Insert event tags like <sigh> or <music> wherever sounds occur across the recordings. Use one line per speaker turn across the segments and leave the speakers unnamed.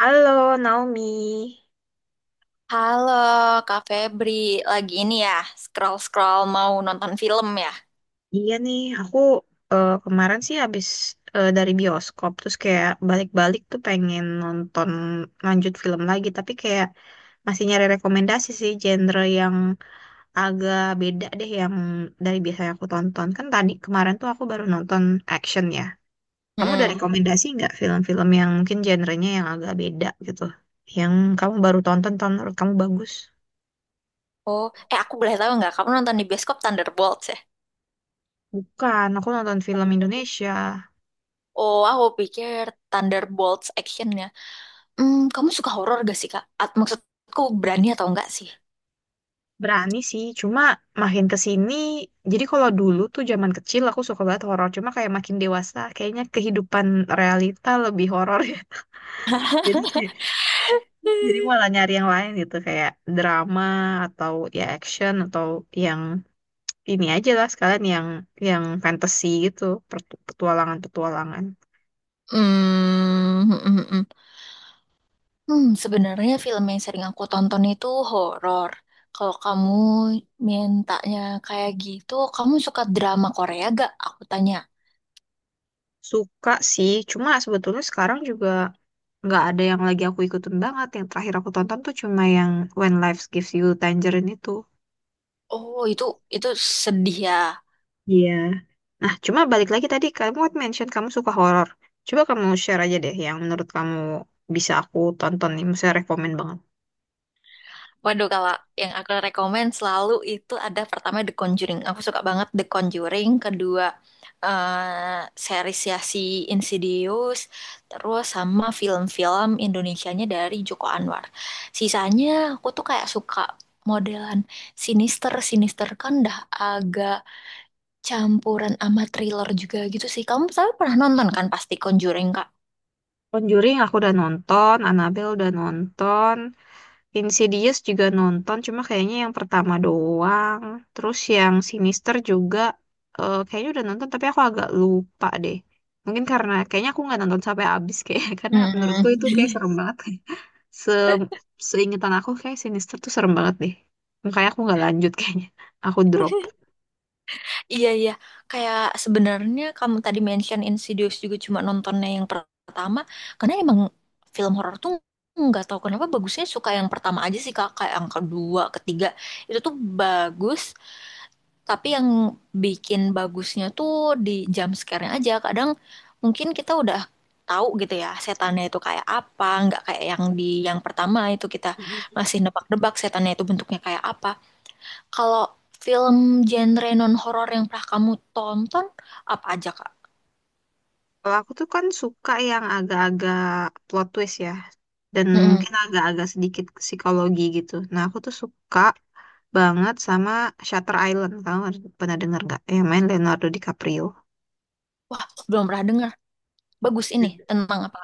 Halo Naomi,
Halo, Kak Febri. Lagi ini ya, scroll-scroll mau nonton film ya?
iya nih aku kemarin sih habis dari bioskop terus kayak balik-balik tuh pengen nonton lanjut film lagi tapi kayak masih nyari rekomendasi sih genre yang agak beda deh yang dari biasanya aku tonton kan tadi kemarin tuh aku baru nonton action ya. Kamu ada
Mm-mm.
rekomendasi nggak film-film yang mungkin genrenya yang agak beda gitu yang kamu baru tonton tonton menurut kamu bagus?
Oh, aku boleh tahu nggak, kamu nonton di bioskop Thunderbolts ya?
Bukan, aku nonton film Indonesia.
Oh, aku pikir Thunderbolts actionnya. Kamu suka horor gak sih, Kak? At maksudku berani atau enggak sih?
Berani sih, cuma makin ke sini, jadi kalau dulu tuh zaman kecil aku suka banget horor, cuma kayak makin dewasa kayaknya kehidupan realita lebih horor ya. <laughs> Jadi kayak, jadi malah nyari yang lain gitu kayak drama atau ya action atau yang ini aja lah sekalian yang fantasy gitu, petualangan-petualangan.
Hmm, mm, mm, mm. Sebenarnya film yang sering aku tonton itu horor. Kalau kamu mintanya kayak gitu, kamu suka drama Korea gak? Aku tanya.
Suka sih, cuma sebetulnya sekarang juga nggak ada yang lagi aku ikutin banget. Yang terakhir aku tonton tuh cuma yang When Life Gives You Tangerine itu.
Oh, itu sedih ya.
Iya. Nah, cuma balik lagi tadi kamu kan mention kamu suka horor. Coba kamu share aja deh yang menurut kamu bisa aku tonton nih, misalnya rekomen banget.
Waduh, kalau yang aku rekomen selalu itu ada pertama The Conjuring. Aku suka banget The Conjuring. Kedua, series ya si Insidious. Terus sama film-film Indonesianya dari Joko Anwar. Sisanya aku tuh kayak suka modelan sinister. Sinister kan dah agak campuran sama thriller juga gitu sih. Kamu tapi pernah nonton kan pasti Conjuring, Kak?
Conjuring aku udah nonton, Annabelle udah nonton, Insidious juga nonton, cuma kayaknya yang pertama doang. Terus yang Sinister juga kayaknya udah nonton tapi aku agak lupa deh. Mungkin karena kayaknya aku nggak nonton sampai habis kayak <laughs> karena menurutku itu kayak
Hmm.
serem banget. Se Seingetan aku kayak Sinister tuh serem banget deh. Makanya aku nggak lanjut kayaknya. Aku drop.
<laughs> Iya, iya, kayak sebenarnya kamu tadi mention Insidious juga cuma nontonnya yang pertama, karena emang film horor tuh nggak tahu kenapa bagusnya suka yang pertama aja sih kak, kayak yang kedua, ketiga itu tuh bagus, tapi yang bikin bagusnya tuh di jump scare-nya aja. Kadang mungkin kita udah tahu gitu ya setannya itu kayak apa, nggak kayak yang di yang pertama itu kita
Mm-mm.
masih nebak-nebak setannya itu bentuknya kayak apa. Kalau film genre non-horor yang pernah kamu tonton, apa aja, Kak?
Kalau aku tuh kan suka yang agak-agak plot twist ya. Dan
Mm-mm.
mungkin agak-agak sedikit psikologi gitu. Nah aku tuh suka banget sama Shutter Island. Kamu pernah denger nggak? Yang main Leonardo DiCaprio.
Wah, belum pernah dengar. Bagus ini. Tentang apa?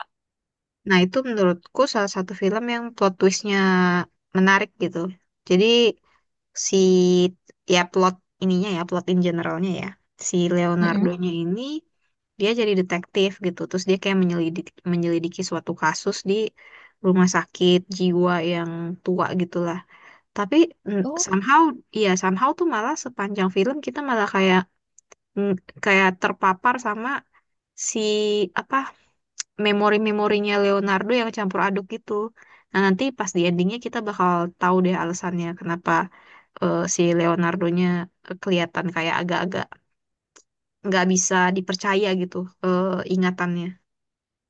Nah, itu menurutku salah satu film yang plot twistnya menarik gitu. Jadi si ya plot ininya ya plot in generalnya ya si
Mm-mm.
Leonardo-nya ini dia jadi detektif gitu terus dia kayak menyelidiki menyelidiki suatu kasus di rumah sakit jiwa yang tua gitulah tapi
Oh,
somehow ya somehow tuh malah sepanjang film kita malah kayak mm, kayak terpapar sama si apa memori-memorinya Leonardo yang campur aduk gitu. Nah, nanti pas di endingnya kita bakal tahu deh alasannya kenapa si Leonardonya kelihatan kayak agak-agak nggak bisa dipercaya gitu eh, ingatannya.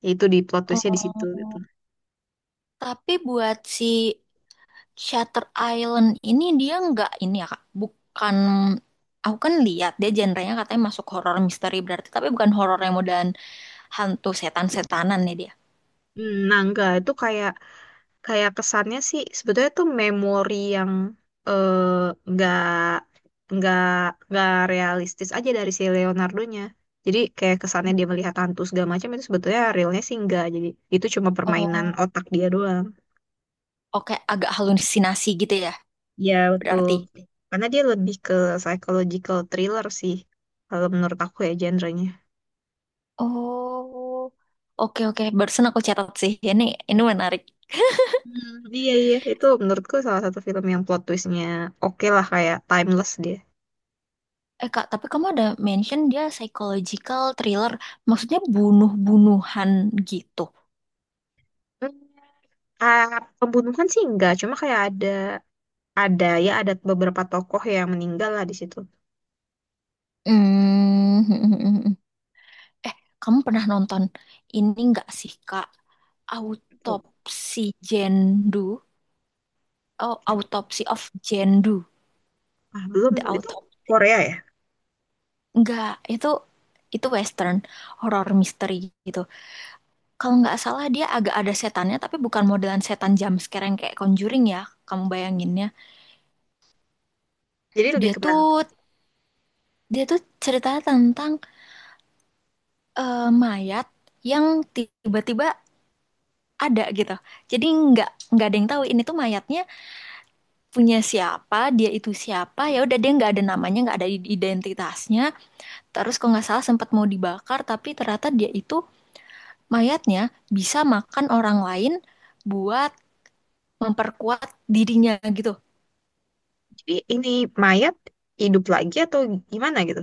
Ya itu di plot twistnya di situ gitu.
oh. Tapi buat si Shutter Island ini dia nggak ini ya, Kak? Bukan, aku kan lihat dia genrenya katanya masuk horor misteri berarti, tapi bukan horor yang modelan hantu setan-setanan ya dia.
Hmm, nah, enggak, itu kayak kayak kesannya sih sebetulnya tuh memori yang eh, nggak nggak nggak realistis aja dari si Leonardo-nya. Jadi kayak kesannya dia melihat hantu segala macam itu sebetulnya realnya sih enggak. Jadi itu cuma permainan
Oh,
otak dia doang.
oke, agak halusinasi gitu ya,
Ya betul.
berarti.
Karena dia lebih ke psychological thriller sih kalau menurut aku ya genre-nya.
Oh, oke, oke. Barusan aku catat sih. Ini menarik.
Hmm, iya iya itu menurutku salah satu film yang plot twist-nya oke lah kayak timeless dia.
Eh Kak, tapi kamu ada mention dia psychological thriller. Maksudnya bunuh-bunuhan gitu.
Hmm, ah, pembunuhan sih enggak, cuma kayak ada ya, ada beberapa tokoh yang meninggal lah di situ.
Hmm. Eh, kamu pernah nonton ini nggak sih Kak? Autopsi Jendu. Oh, Autopsy of Jendu.
Ah, belum
The
tuh. Itu
Autopsy.
Korea ya.
Enggak, itu itu western horror misteri gitu. Kalau nggak salah dia agak ada setannya tapi bukan modelan setan jump scare yang kayak Conjuring ya. Kamu bayanginnya.
Jadi lebih
Dia
ke mana?
tuh dia tuh ceritanya tentang mayat yang tiba-tiba ada gitu. Jadi nggak ada yang tahu ini tuh mayatnya punya siapa, dia itu siapa. Ya udah dia nggak ada namanya, nggak ada identitasnya. Terus kalau nggak salah sempat mau dibakar tapi ternyata dia itu mayatnya bisa makan orang lain buat memperkuat dirinya gitu.
Jadi ini mayat hidup lagi atau gimana gitu?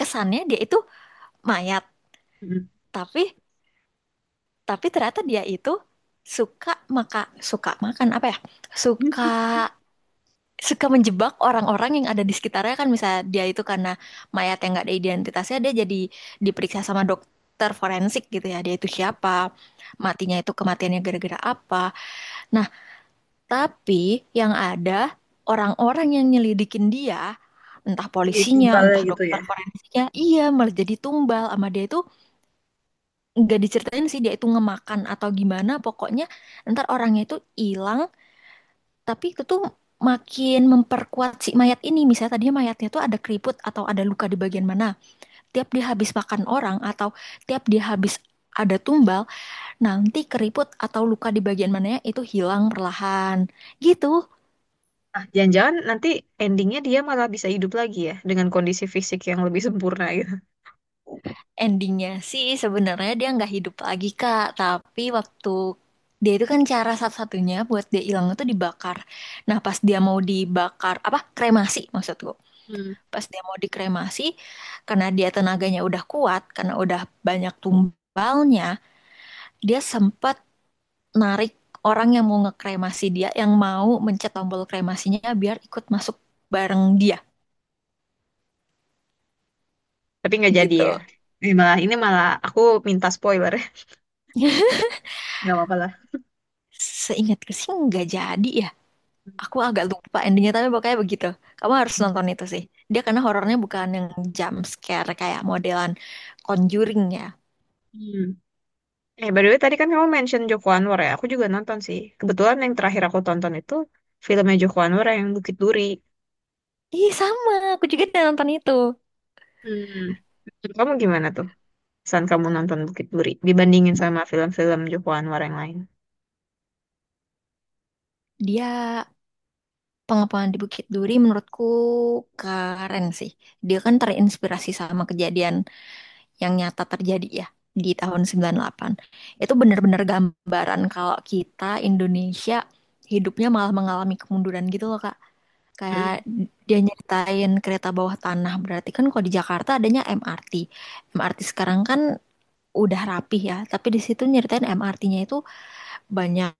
Kesannya dia itu mayat,
Mm.
tapi ternyata dia itu suka maka suka makan apa ya, suka
<laughs>
suka menjebak orang-orang yang ada di sekitarnya kan, misalnya dia itu karena mayat yang nggak ada identitasnya dia jadi diperiksa sama dokter forensik gitu ya, dia itu siapa, matinya itu kematiannya gara-gara apa. Nah, tapi yang ada orang-orang yang nyelidikin dia entah
Jadi
polisinya
tumbalnya
entah
gitu
dokter
ya.
forensiknya iya malah jadi tumbal sama dia itu. Nggak diceritain sih dia itu ngemakan atau gimana, pokoknya ntar orangnya itu hilang, tapi itu tuh makin memperkuat si mayat ini. Misalnya tadinya mayatnya tuh ada keriput atau ada luka di bagian mana, tiap dia habis makan orang atau tiap dia habis ada tumbal, nanti keriput atau luka di bagian mananya itu hilang perlahan gitu.
Nah, jangan-jangan nanti endingnya dia malah bisa hidup lagi ya dengan kondisi fisik yang lebih sempurna gitu.
Endingnya sih sebenarnya dia nggak hidup lagi Kak, tapi waktu dia itu kan cara satu-satunya buat dia hilang itu dibakar. Nah pas dia mau dibakar apa kremasi maksudku,
Hmm.
pas dia mau dikremasi karena dia tenaganya udah kuat karena udah banyak tumbalnya, dia sempat narik orang yang mau ngekremasi dia yang mau mencet tombol kremasinya biar ikut masuk bareng dia
Tapi nggak jadi
gitu.
ya. Ini malah aku minta spoiler ya.
<laughs>
Nggak apa-apa lah.
Seingatku sih nggak jadi ya. Aku agak lupa endingnya tapi pokoknya begitu. Kamu harus
Hmm.
nonton itu sih. Dia karena horornya bukan yang jump scare kayak modelan Conjuring ya.
Hmm. Eh, by the way, tadi kan kamu mention Joko Anwar ya. Aku juga nonton sih. Kebetulan yang terakhir aku tonton itu filmnya Joko Anwar yang Bukit Duri.
Ih sama, aku juga udah nonton itu.
Hmm. Menurut kamu gimana tuh? Saat kamu nonton Bukit Duri dibandingin sama film-film Joko Anwar yang lain.
Dia pengepungan di Bukit Duri menurutku keren sih. Dia kan terinspirasi sama kejadian yang nyata terjadi ya di tahun 98. Itu bener-bener gambaran kalau kita Indonesia hidupnya malah mengalami kemunduran gitu loh Kak. Kayak
Hmm.
dia nyeritain kereta bawah tanah. Berarti kan kalau di Jakarta adanya MRT. MRT sekarang kan udah rapih ya. Tapi di situ nyeritain MRT-nya itu banyak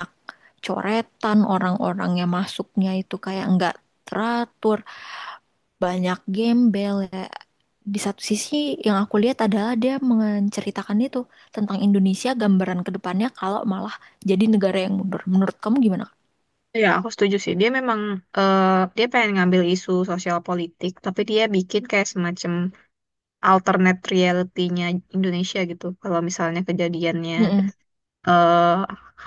coretan, orang-orang yang masuknya itu kayak nggak teratur. Banyak gembel ya. Di satu sisi yang aku lihat adalah dia menceritakan itu tentang Indonesia gambaran ke depannya kalau malah jadi negara yang mundur. Menurut kamu gimana?
Ya, aku setuju sih. Dia memang eh, dia pengen ngambil isu sosial politik, tapi dia bikin kayak semacam alternate reality-nya Indonesia gitu. Kalau misalnya kejadiannya
Mm-mm.
eh,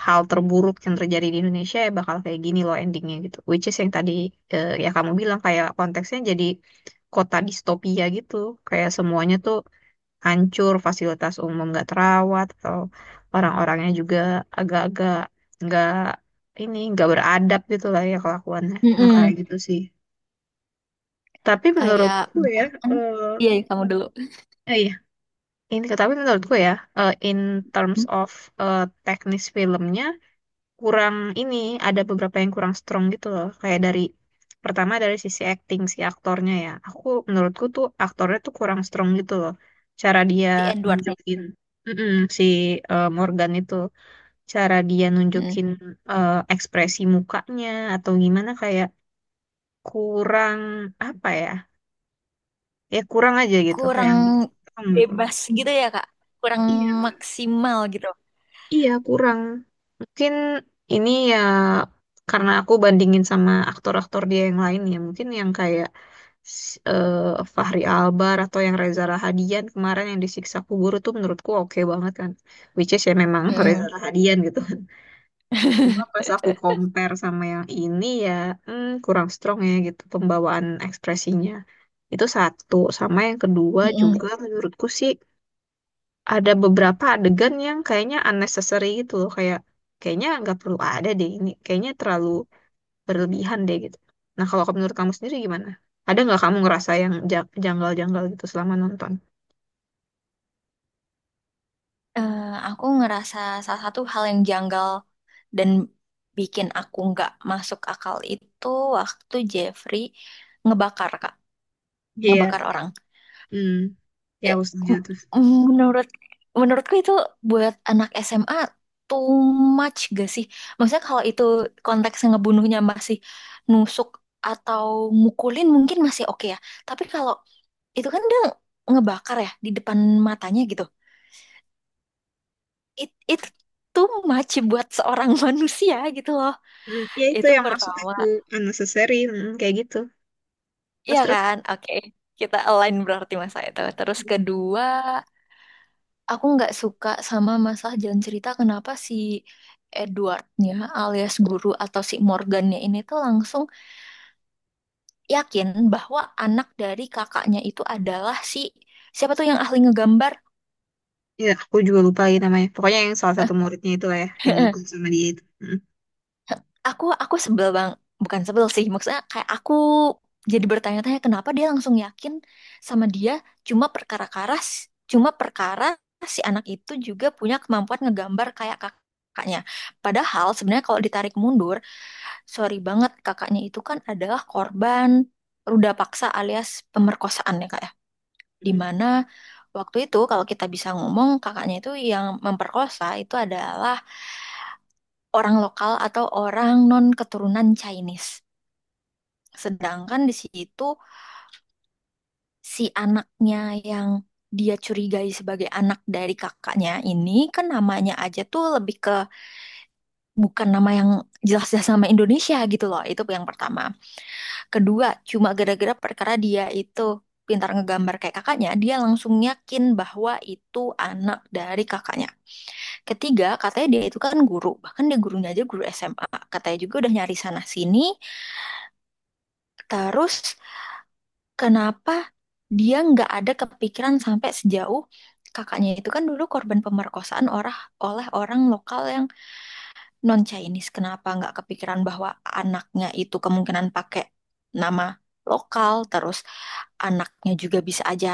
hal terburuk yang terjadi di Indonesia ya bakal kayak gini loh endingnya gitu. Which is yang tadi ya kamu bilang kayak konteksnya jadi kota distopia gitu. Kayak semuanya tuh hancur, fasilitas umum gak terawat, atau orang-orangnya juga agak-agak nggak ini nggak beradab gitu lah ya kelakuannya. Nah kayak
Mm-mm.
gitu sih. Tapi
Kayak
menurutku ya,
bahkan
eh
iya kamu dulu.
eh, iya. Ini, tapi menurutku ya, in terms of eh, teknis filmnya, kurang ini ada beberapa yang kurang strong gitu loh kayak dari pertama dari sisi acting si aktornya ya aku menurutku tuh aktornya tuh kurang strong gitu loh cara dia
Si Edwardnya.
nunjukin, mm-mm, si Morgan itu cara dia
Mm.
nunjukin ekspresi mukanya atau gimana kayak kurang apa ya ya kurang aja gitu
Kurang
kayak gitu gitu.
bebas gitu ya Kak, kurang
Iya,
maksimal gitu.
iya, kurang. Mungkin ini ya karena aku bandingin sama aktor-aktor dia yang lain ya. Mungkin yang kayak s- eh, Fachri Albar atau yang Reza Rahadian kemarin yang disiksa kubur itu menurutku oke banget kan. Which is ya memang <laughs> Reza
Mm-mm.
Rahadian gitu. Cuma pas aku compare sama yang ini ya hmm, kurang strong ya gitu pembawaan ekspresinya. Itu satu. Sama yang kedua juga
Mm-mm.
menurutku sih ada beberapa adegan yang kayaknya unnecessary gitu loh kayak kayaknya nggak perlu ada deh ini kayaknya terlalu berlebihan deh gitu nah kalau menurut kamu sendiri gimana ada nggak kamu ngerasa yang janggal-janggal gitu selama nonton.
Eh, aku ngerasa salah satu hal yang janggal dan bikin aku nggak masuk akal itu waktu Jeffrey ngebakar Kak,
Iya,
ngebakar orang.
hmm ya
Ya,
aku setuju
m-
tuh.
menurut menurutku itu buat anak SMA too much gak sih? Maksudnya kalau itu konteks ngebunuhnya masih nusuk atau mukulin mungkin masih oke ya. Tapi kalau itu kan dia ngebakar ya di depan matanya gitu. It too much buat seorang <laughs> manusia gitu loh.
Hmm, ya itu
Itu
yang maksud
pertama.
aku unnecessary hmm, kayak gitu terus
Iya
terus
kan? Oke. Kita align berarti masa itu. Terus kedua, Aku nggak suka sama masalah jalan cerita kenapa si Edwardnya alias guru atau si Morgannya ini tuh langsung yakin bahwa anak dari kakaknya itu adalah si siapa tuh yang ahli ngegambar?
ya aku juga lupa lagi namanya pokoknya yang salah satu muridnya itu lah ya
<laughs>
yang
Heeh.
ikut sama dia itu. Hmm.
Aku sebel bang, bukan sebel sih maksudnya kayak aku jadi bertanya-tanya kenapa dia langsung yakin sama dia cuma perkara karas, cuma perkara si anak itu juga punya kemampuan ngegambar kayak kakaknya. Padahal sebenarnya kalau ditarik mundur, sorry banget, kakaknya itu kan adalah korban ruda paksa alias pemerkosaan ya kak ya. Di
Mm.
mana waktu itu kalau kita bisa ngomong kakaknya itu yang memperkosa itu adalah orang lokal atau orang non keturunan Chinese. Sedangkan di situ si anaknya yang dia curigai sebagai anak dari kakaknya ini kan namanya aja tuh lebih ke bukan nama yang jelas-jelas nama Indonesia gitu loh. Itu yang pertama. Kedua, cuma gara-gara perkara dia itu pintar ngegambar kayak kakaknya, dia langsung yakin bahwa itu anak dari kakaknya. Ketiga, katanya dia itu kan guru, bahkan dia gurunya aja guru SMA. Katanya juga udah nyari sana-sini. Terus, kenapa dia nggak ada kepikiran sampai sejauh kakaknya itu kan dulu korban pemerkosaan orang oleh orang lokal yang non Chinese, kenapa nggak kepikiran bahwa anaknya itu kemungkinan pakai nama lokal, terus anaknya juga bisa aja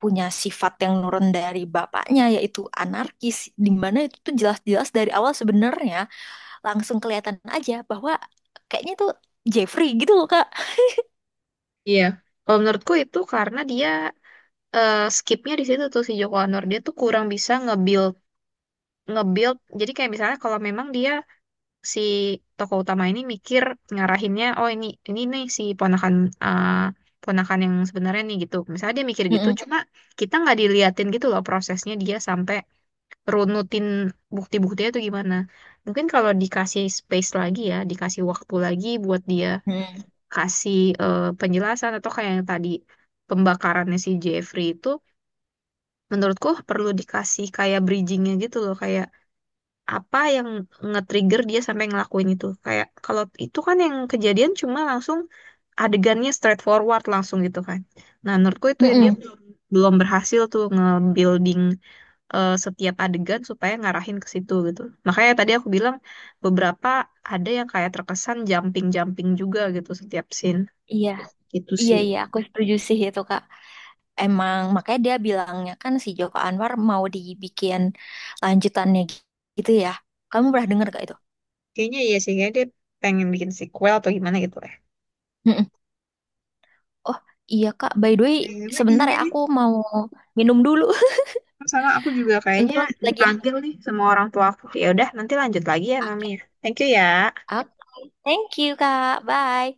punya sifat yang nurun dari bapaknya yaitu anarkis, di mana itu tuh jelas-jelas dari awal sebenarnya langsung kelihatan aja bahwa kayaknya tuh Jeffrey gitu loh Kak.
Iya, kalau menurutku itu karena dia skipnya di situ tuh si Joko Anwar dia tuh kurang bisa nge-build nge-build jadi kayak misalnya kalau memang dia si tokoh utama ini mikir ngarahinnya oh ini nih si ponakan eh, ponakan yang sebenarnya nih gitu misalnya dia mikir gitu
Mm-mm.
cuma kita nggak diliatin gitu loh prosesnya dia sampai runutin bukti-buktinya tuh gimana mungkin kalau dikasih space lagi ya dikasih waktu lagi buat dia
Mm-mm.
kasih penjelasan atau kayak yang tadi pembakarannya si Jeffrey itu menurutku perlu dikasih kayak bridgingnya gitu loh kayak apa yang nge-trigger dia sampai ngelakuin itu kayak kalau itu kan yang kejadian cuma langsung adegannya straightforward langsung gitu kan nah menurutku itu ya dia
Mm-mm.
belum belum berhasil tuh nge-building setiap adegan supaya ngarahin ke situ gitu makanya tadi aku bilang beberapa ada yang kayak terkesan jumping-jumping juga gitu setiap scene
Iya,
gitu
iya,
sih.
iya aku setuju sih itu Kak. Emang makanya dia bilangnya kan si Joko Anwar mau dibikin lanjutannya gitu ya. Kamu pernah
Mm-mm.
dengar gak itu?
Kayaknya iya sih, kayaknya dia pengen bikin sequel atau gimana gitu ya.
Mm-mm. Oh iya Kak, by the way
Kayaknya
sebentar
iya.
ya aku mau minum dulu.
Sama aku juga
<laughs> Ntar
kayaknya
lanjut lagi ya.
dipanggil nih sama orang tua aku. Ya udah, nanti lanjut lagi ya Nami.
Oke.
Thank you ya.
Oke. Thank you Kak. Bye.